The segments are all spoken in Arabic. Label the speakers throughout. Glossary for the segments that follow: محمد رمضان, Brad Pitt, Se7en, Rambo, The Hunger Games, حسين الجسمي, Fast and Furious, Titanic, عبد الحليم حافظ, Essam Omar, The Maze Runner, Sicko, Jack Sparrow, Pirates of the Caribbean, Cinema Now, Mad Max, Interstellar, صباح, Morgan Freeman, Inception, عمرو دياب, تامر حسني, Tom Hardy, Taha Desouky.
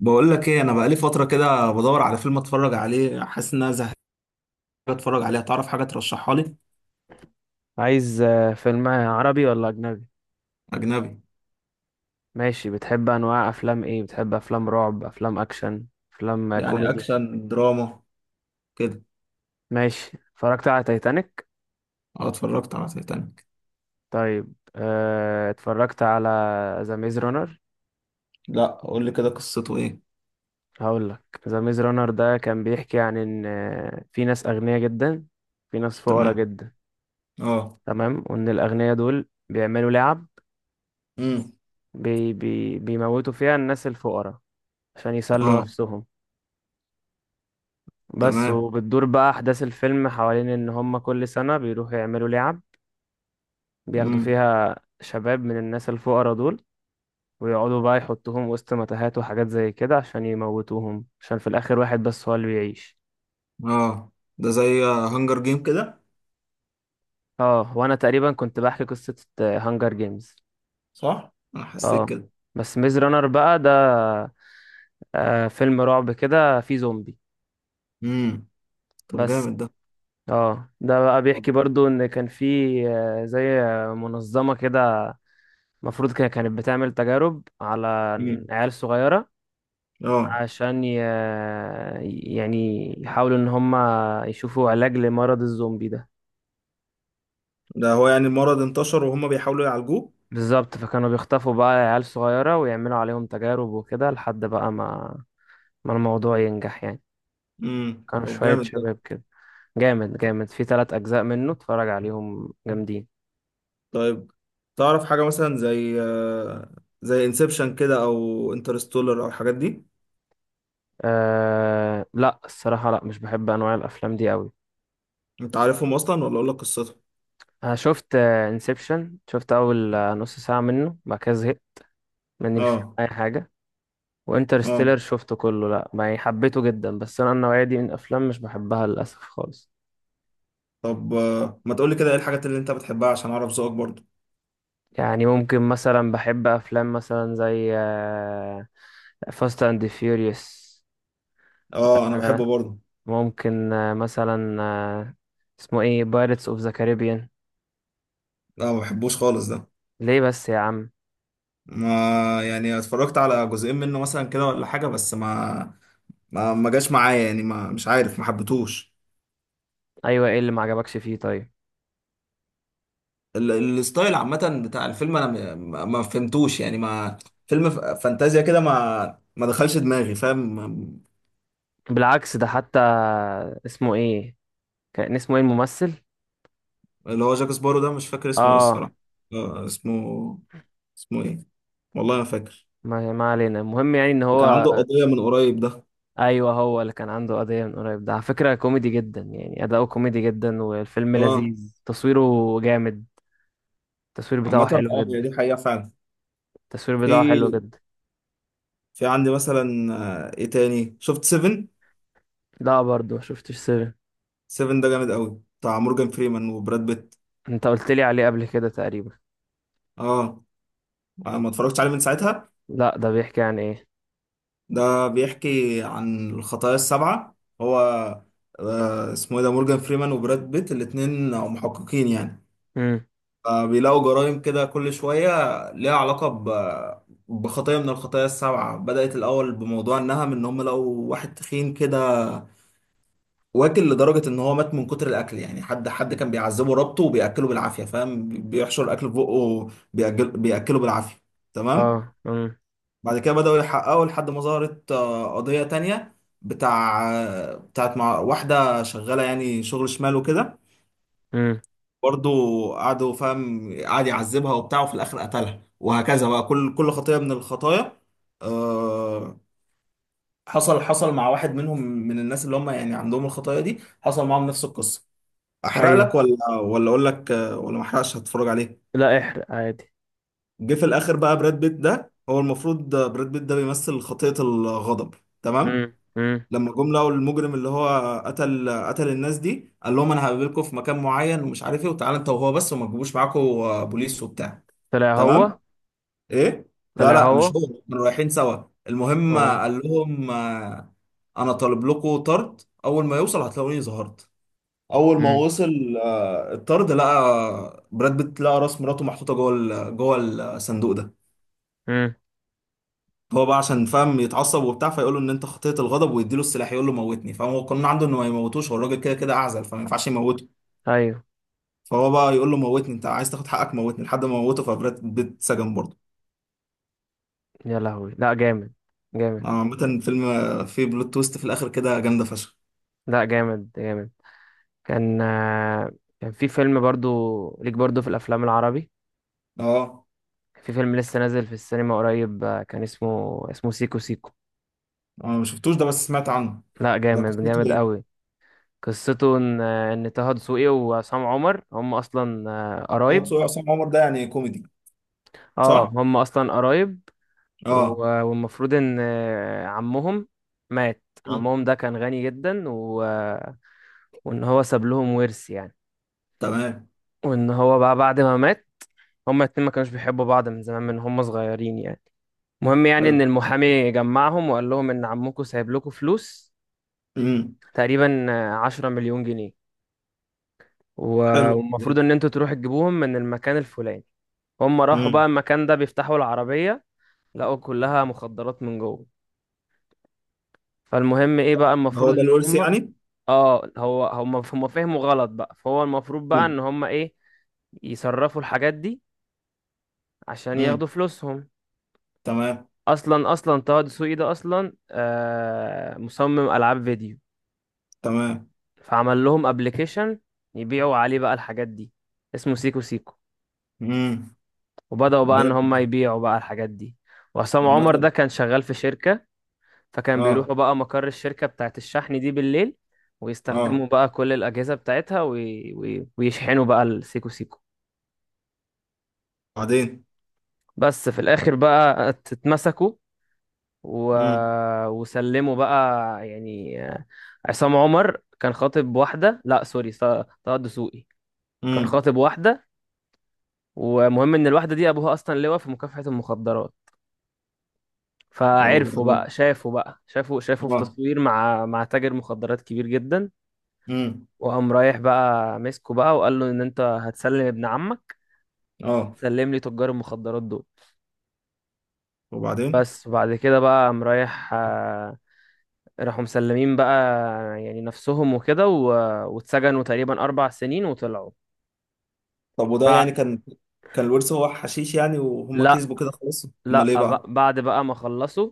Speaker 1: بقول لك ايه، انا بقالي فتره كده بدور على فيلم اتفرج عليه، حاسس ان انا زهقان. اتفرج عليه، تعرف حاجه ترشحها لي؟
Speaker 2: عايز فيلم عربي ولا أجنبي؟
Speaker 1: اجنبي.
Speaker 2: ماشي، بتحب أنواع أفلام إيه؟ بتحب أفلام رعب، أفلام أكشن، أفلام
Speaker 1: يعني
Speaker 2: كوميدي؟
Speaker 1: اكشن دراما كده.
Speaker 2: ماشي، اتفرجت على تايتانيك؟
Speaker 1: اه، اتفرجت على تايتانيك.
Speaker 2: طيب، اتفرجت على ذا ميز رانر؟
Speaker 1: لا، قول لي كده قصته ايه.
Speaker 2: هقول لك. ذا ميز رانر ده كان بيحكي عن إن في ناس أغنياء جدا، في ناس فقراء
Speaker 1: تمام.
Speaker 2: جدا.
Speaker 1: اه.
Speaker 2: تمام، وإن الأغنياء دول بيعملوا لعب
Speaker 1: امم.
Speaker 2: بي بي بيموتوا فيها الناس الفقراء عشان يسلوا
Speaker 1: اه.
Speaker 2: نفسهم. بس،
Speaker 1: تمام.
Speaker 2: وبتدور بقى أحداث الفيلم حوالين إن هما كل سنة بيروحوا يعملوا لعب بياخدوا
Speaker 1: امم.
Speaker 2: فيها شباب من الناس الفقراء دول، ويقعدوا بقى يحطوهم وسط متاهات وحاجات زي كده عشان يموتوهم، عشان في الآخر واحد بس هو اللي بيعيش.
Speaker 1: اه. ده زي هانجر جيم كده.
Speaker 2: اه، وأنا تقريبا كنت بحكي قصة هانجر جيمز.
Speaker 1: صح، انا حسيت
Speaker 2: اه،
Speaker 1: كده.
Speaker 2: بس ميز رانر بقى ده فيلم رعب كده فيه زومبي،
Speaker 1: امم. طب
Speaker 2: بس.
Speaker 1: جامد ده.
Speaker 2: اه، ده بقى
Speaker 1: طب.
Speaker 2: بيحكي برضو ان كان في زي منظمة كده. المفروض كده كانت بتعمل تجارب على
Speaker 1: امم.
Speaker 2: عيال صغيرة
Speaker 1: اه.
Speaker 2: عشان يعني يحاولوا إن هم يشوفوا علاج لمرض الزومبي ده.
Speaker 1: ده هو يعني المرض انتشر وهما بيحاولوا يعالجوه.
Speaker 2: بالظبط، فكانوا بيخطفوا بقى عيال صغيرة ويعملوا عليهم تجارب وكده لحد بقى ما الموضوع ينجح يعني.
Speaker 1: امم.
Speaker 2: كانوا
Speaker 1: طب
Speaker 2: شوية
Speaker 1: جامد ده.
Speaker 2: شباب كده. جامد جامد، في 3 أجزاء منه اتفرج عليهم جامدين.
Speaker 1: طيب. تعرف حاجة مثلا زي زي انسبشن كده او انترستولر او الحاجات دي.
Speaker 2: لا الصراحة، لا مش بحب أنواع الأفلام دي أوي.
Speaker 1: انت عارفهم اصلا ولا اقول لك قصتهم؟
Speaker 2: أنا شفت انسبشن، شفت أول نص ساعة منه بعد كده زهقت. ماني مش فاهم
Speaker 1: اه.
Speaker 2: اي حاجه.
Speaker 1: اه.
Speaker 2: وانترستيلر شفته كله، لا يعني حبيته جدا بس انا النوعيه دي من الافلام مش بحبها للاسف خالص.
Speaker 1: طب، ما تقولي كده ايه الحاجات اللي انت بتحبها عشان اعرف ذوقك برضو.
Speaker 2: يعني ممكن مثلا بحب افلام مثلا زي فاست اند فيوريوس.
Speaker 1: اه، انا بحبه برضو.
Speaker 2: ممكن مثلا، اسمه ايه، بايرتس اوف ذا كاريبيان.
Speaker 1: لا، ما بحبوش خالص ده.
Speaker 2: ليه بس يا عم؟
Speaker 1: ما يعني اتفرجت على جزئين منه مثلا كده ولا حاجة، بس ما جاش معايا، يعني ما، مش عارف، ما حبيتهوش.
Speaker 2: ايوه، ايه اللي ما عجبكش فيه طيب؟
Speaker 1: ال- الستايل عامة بتاع الفيلم، انا ما فهمتوش، يعني ما. فيلم فانتازيا كده، ما دخلش دماغي، فاهم.
Speaker 2: بالعكس ده حتى. اسمه ايه؟ كان اسمه ايه الممثل؟
Speaker 1: اللي هو جاك سبارو ده، مش فاكر اسمه ايه
Speaker 2: اه.
Speaker 1: الصراحة. اسمه، اسمه ايه؟ والله ما فاكر.
Speaker 2: ما علينا، المهم يعني ان
Speaker 1: اللي كان
Speaker 2: هو.
Speaker 1: عنده قضية من قريب ده.
Speaker 2: ايوه، هو اللي كان عنده قضيه من قريب ده، على فكره كوميدي جدا يعني اداؤه كوميدي جدا، والفيلم
Speaker 1: اه.
Speaker 2: لذيذ تصويره جامد. التصوير بتاعه
Speaker 1: عامة
Speaker 2: حلو
Speaker 1: اه، هي
Speaker 2: جدا.
Speaker 1: دي حقيقة فعلا.
Speaker 2: التصوير بتاعه حلو
Speaker 1: في
Speaker 2: جدا.
Speaker 1: في عندي مثلا، ايه تاني، شفت 7.
Speaker 2: لا برضه، ما شفتش سيفن.
Speaker 1: 7 ده جامد قوي، بتاع مورجان فريمان وبراد بيت.
Speaker 2: انت قلت لي عليه قبل كده تقريبا.
Speaker 1: اه. ما اتفرجتش عليه من ساعتها.
Speaker 2: لا، ده بيحكي عن ايه؟
Speaker 1: ده بيحكي عن الخطايا السبعة. هو اسمه ايه، ده مورجان فريمان وبراد بيت الاتنين محققين يعني.
Speaker 2: امم.
Speaker 1: فبيلاقوا جرائم كده كل شوية، ليها علاقة بخطية من الخطايا السبعة. بدأت الأول بموضوع النهم، إن هم لقوا واحد تخين كده واكل لدرجة إن هو مات من كتر الأكل، يعني حد كان بيعذبه، ربطه وبيأكله بالعافية، فاهم، بيحشر أكل في بقه. بيأكله بالعافية. تمام.
Speaker 2: اه. امم.
Speaker 1: بعد كده بدأوا يحققوا لحد ما ظهرت قضية تانية، بتاع بتاعت مع واحدة شغالة، يعني شغل شمال وكده.
Speaker 2: امم.
Speaker 1: برضو قعدوا، فاهم، قعد يعذبها وبتاع، وفي الآخر قتلها، وهكذا بقى كل خطية من الخطايا. آه، حصل مع واحد منهم، من الناس اللي هم يعني عندهم الخطايا دي، حصل معاهم نفس القصة. أحرق
Speaker 2: ايوه.
Speaker 1: لك ولا أقول لك، ولا ما أحرقش هتفرج عليه؟
Speaker 2: لا احرق عادي.
Speaker 1: جه في الآخر بقى براد بيت، ده هو المفروض براد بيت ده بيمثل خطية الغضب. تمام.
Speaker 2: امم. امم.
Speaker 1: لما جم لقوا المجرم اللي هو قتل الناس دي، قال لهم انا هقابلكم في مكان معين ومش عارف ايه، وتعالى انت وهو بس، وما تجيبوش معاكم بوليس وبتاع.
Speaker 2: طلع هو؟
Speaker 1: تمام. ايه. لا
Speaker 2: طلع
Speaker 1: لا، مش
Speaker 2: هو؟
Speaker 1: هو. كانوا رايحين سوا. المهم
Speaker 2: اه.
Speaker 1: قال لهم، انا طالب لكم طرد، اول ما يوصل هتلاقوني ظهرت. اول ما
Speaker 2: امم.
Speaker 1: وصل الطرد، لقى براد بيت، لقى راس مراته محطوطه جوه جوه الصندوق ده.
Speaker 2: امم.
Speaker 1: هو بقى عشان فاهم يتعصب وبتاع، فيقول له ان انت خطيت الغضب، ويديله السلاح، يقول له موتني. فاهم هو القانون عنده انه ما يموتوش، هو الراجل كده كده اعزل، فما ينفعش يموته.
Speaker 2: ايوه.
Speaker 1: فهو بقى يقول له موتني، انت عايز تاخد حقك موتني، لحد ما موته، فبراد بيت سجن برضه.
Speaker 2: يا لهوي! لا جامد جامد.
Speaker 1: عامة الفيلم فيه بلوت تويست في الاخر كده جامدة فشخ.
Speaker 2: لا جامد جامد. كان آه، كان في فيلم برضو ليك برضو في الافلام العربي.
Speaker 1: اه،
Speaker 2: في فيلم لسه نازل في السينما قريب، كان اسمه سيكو سيكو.
Speaker 1: انا ما شفتوش ده، بس سمعت عنه.
Speaker 2: لا،
Speaker 1: ده
Speaker 2: جامد
Speaker 1: قصته
Speaker 2: جامد
Speaker 1: ايه؟
Speaker 2: قوي. قصته ان ان طه دسوقي وعصام عمر هم اصلا
Speaker 1: هو
Speaker 2: قرايب.
Speaker 1: تسوق عصام عمر ده يعني كوميدي؟
Speaker 2: اه،
Speaker 1: صح؟
Speaker 2: هم اصلا قرايب.
Speaker 1: اه.
Speaker 2: والمفروض ان عمهم مات.
Speaker 1: مم.
Speaker 2: عمهم ده كان غني جدا و... آه، وان هو ساب لهم ورث يعني.
Speaker 1: تمام.
Speaker 2: وان هو بقى بعد ما مات، هما الاتنين ما كانوش بيحبوا بعض من زمان من هما صغيرين يعني. المهم يعني ان
Speaker 1: حلو.
Speaker 2: المحامي جمعهم وقال لهم ان عمكم سايب لكم فلوس
Speaker 1: امم.
Speaker 2: تقريبا 10 مليون جنيه.
Speaker 1: حلو.
Speaker 2: والمفروض ان انتوا تروحوا تجيبوهم من المكان الفلاني. هم راحوا بقى
Speaker 1: امم.
Speaker 2: المكان ده بيفتحوا العربية لقوا كلها مخدرات من جوه. فالمهم ايه بقى
Speaker 1: هو
Speaker 2: المفروض
Speaker 1: ده
Speaker 2: ان
Speaker 1: الورث
Speaker 2: هم،
Speaker 1: يعني؟
Speaker 2: اه هو هم فهموا غلط بقى، فهو المفروض بقى
Speaker 1: امم.
Speaker 2: ان هم ايه يصرفوا الحاجات دي عشان
Speaker 1: امم.
Speaker 2: ياخدوا فلوسهم.
Speaker 1: تمام.
Speaker 2: اصلا طه دسوقي ده اصلا مصمم العاب فيديو.
Speaker 1: تمام.
Speaker 2: فعمل لهم ابلكيشن يبيعوا عليه بقى الحاجات دي، اسمه سيكو سيكو.
Speaker 1: امم.
Speaker 2: وبدأوا بقى ان هم
Speaker 1: جامد.
Speaker 2: يبيعوا بقى الحاجات دي. وعصام عمر ده
Speaker 1: عامة
Speaker 2: كان شغال في شركة، فكان
Speaker 1: اه.
Speaker 2: بيروحوا بقى مقر الشركة بتاعت الشحن دي بالليل
Speaker 1: اه.
Speaker 2: ويستخدموا بقى كل الأجهزة بتاعتها ويشحنوا بقى السيكو سيكو.
Speaker 1: بعدين.
Speaker 2: بس في الآخر بقى اتمسكوا و...
Speaker 1: امم.
Speaker 2: وسلموا بقى، يعني عصام عمر كان خاطب واحدة، لا سوري، طه الدسوقي كان
Speaker 1: امم.
Speaker 2: خاطب واحدة. ومهم ان الواحده دي ابوها اصلا لواء في مكافحه المخدرات. فعرفوا
Speaker 1: وبعدين.
Speaker 2: بقى، شافوا بقى، شافوا في
Speaker 1: اه.
Speaker 2: تصوير مع تاجر مخدرات كبير جدا.
Speaker 1: امم.
Speaker 2: وقام رايح بقى مسكه بقى وقال له ان انت هتسلم ابن عمك.
Speaker 1: اه.
Speaker 2: وهتسلم لي تجار المخدرات دول.
Speaker 1: وبعدين.
Speaker 2: بس، وبعد كده بقى قام رايح راحوا مسلمين بقى، يعني نفسهم وكده واتسجنوا تقريبا 4 سنين وطلعوا.
Speaker 1: طب وده يعني
Speaker 2: بع-
Speaker 1: كان، كان الورث هو حشيش يعني، وهم
Speaker 2: لا
Speaker 1: كسبوا كده خلاص، امال
Speaker 2: لا،
Speaker 1: ايه بقى؟
Speaker 2: بعد بقى ما خلصوا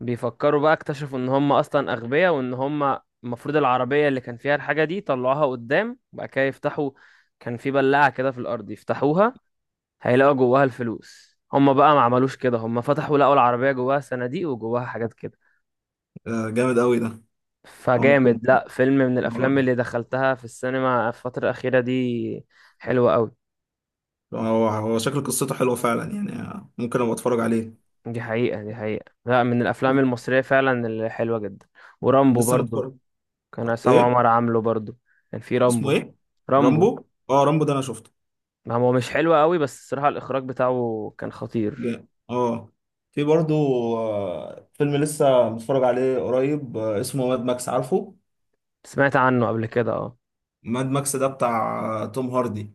Speaker 2: بيفكروا بقى اكتشفوا ان هم اصلا اغبياء، وان هم المفروض العربية اللي كان فيها الحاجة دي طلعوها قدام وبعد كده يفتحوا. كان في بلاعة كده في الارض يفتحوها هيلاقوا جواها الفلوس، هم بقى ما عملوش كده، هم فتحوا لقوا العربية جواها صناديق وجواها حاجات كده.
Speaker 1: آه جامد قوي ده. هو
Speaker 2: فجامد،
Speaker 1: ممكن.
Speaker 2: لا فيلم من
Speaker 1: اه.
Speaker 2: الافلام اللي دخلتها في السينما في الفترة الأخيرة دي، حلوة قوي.
Speaker 1: هو شكل قصته حلوه فعلا يعني، ممكن ابقى اتفرج عليه.
Speaker 2: دي حقيقة، دي حقيقة، لا من الافلام المصرية فعلا اللي حلوة جدا. ورامبو
Speaker 1: لسه
Speaker 2: برضو،
Speaker 1: متفرج.
Speaker 2: كان عصام
Speaker 1: ايه،
Speaker 2: عمر عامله برضو، كان في
Speaker 1: اسمه
Speaker 2: رامبو.
Speaker 1: ايه؟ رامبو.
Speaker 2: رامبو.
Speaker 1: اه، رامبو ده انا شفته.
Speaker 2: ما هو مش حلو قوي، بس الصراحة الإخراج بتاعه كان خطير.
Speaker 1: جامد. اه. في برضو فيلم لسه متفرج عليه قريب، اسمه ماد ماكس، عارفه.
Speaker 2: سمعت عنه قبل كده، اه.
Speaker 1: ماد ماكس ده بتاع توم هاردي.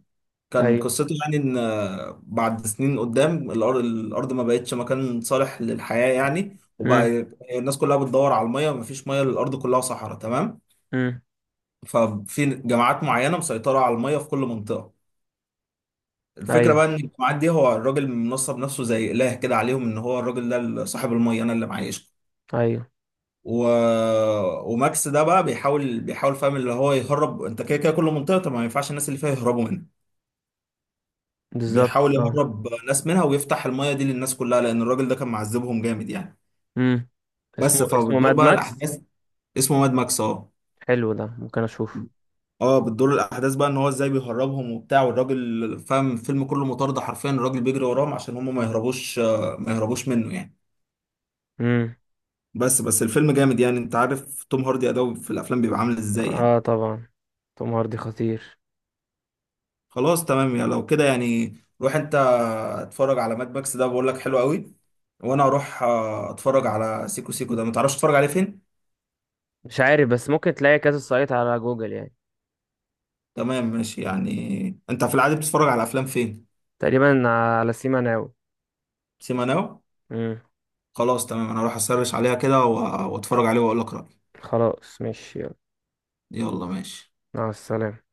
Speaker 1: كان
Speaker 2: أيوه.
Speaker 1: قصته يعني ان بعد سنين قدام، الارض ما بقتش مكان صالح للحياة يعني، وبقى
Speaker 2: امم.
Speaker 1: الناس كلها بتدور على المية، مفيش مية، الارض كلها صحراء. تمام.
Speaker 2: امم.
Speaker 1: ففي جماعات معينة مسيطرة على المية في كل منطقة. الفكرة
Speaker 2: أيوه.
Speaker 1: بقى ان الجماعات دي، هو الراجل منصب نفسه زي اله كده عليهم، ان هو الراجل ده صاحب المية، انا اللي معايش.
Speaker 2: أيوه.
Speaker 1: و... وماكس ده بقى بيحاول فاهم، اللي هو يهرب، انت كده كده كل منطقه، طب ما ينفعش الناس اللي فيها يهربوا منها.
Speaker 2: بالظبط،
Speaker 1: بيحاول
Speaker 2: اه.
Speaker 1: يهرب ناس منها ويفتح المايه دي للناس كلها، لان الراجل ده كان معذبهم جامد يعني.
Speaker 2: امم. اسمه
Speaker 1: بس،
Speaker 2: اسمه
Speaker 1: فبتدور
Speaker 2: ماد
Speaker 1: بقى
Speaker 2: ماكس.
Speaker 1: الاحداث. اسمه ماد ماكس. اه.
Speaker 2: حلو، ده ممكن أشوفه.
Speaker 1: اه، بتدور الاحداث بقى ان هو ازاي بيهربهم وبتاع، والراجل فاهم الفيلم كله مطارده حرفيا، الراجل بيجري وراهم عشان هم ما يهربوش، ما يهربوش منه يعني.
Speaker 2: امم.
Speaker 1: بس الفيلم جامد يعني، انت عارف توم هاردي اداؤه في الافلام بيبقى عامل ازاي يعني.
Speaker 2: اه طبعا. توم هاردي خطير.
Speaker 1: خلاص تمام يعني، لو كده يعني. روح انت، اتفرج على ماد ماكس ده، بقول لك حلو قوي. وانا اروح اتفرج على سيكو سيكو ده، ما تعرفش تتفرج عليه فين؟
Speaker 2: مش عارف، بس ممكن تلاقي كذا سايت على جوجل يعني.
Speaker 1: تمام ماشي، يعني انت في العادي بتتفرج على افلام فين؟
Speaker 2: تقريبا، على سيما ناو.
Speaker 1: سيما ناو.
Speaker 2: امم.
Speaker 1: خلاص تمام، انا اروح اسرش عليها كده واتفرج عليه واقول لك رأيي.
Speaker 2: خلاص ماشي يلا.
Speaker 1: يلا ماشي.
Speaker 2: مع السلامة.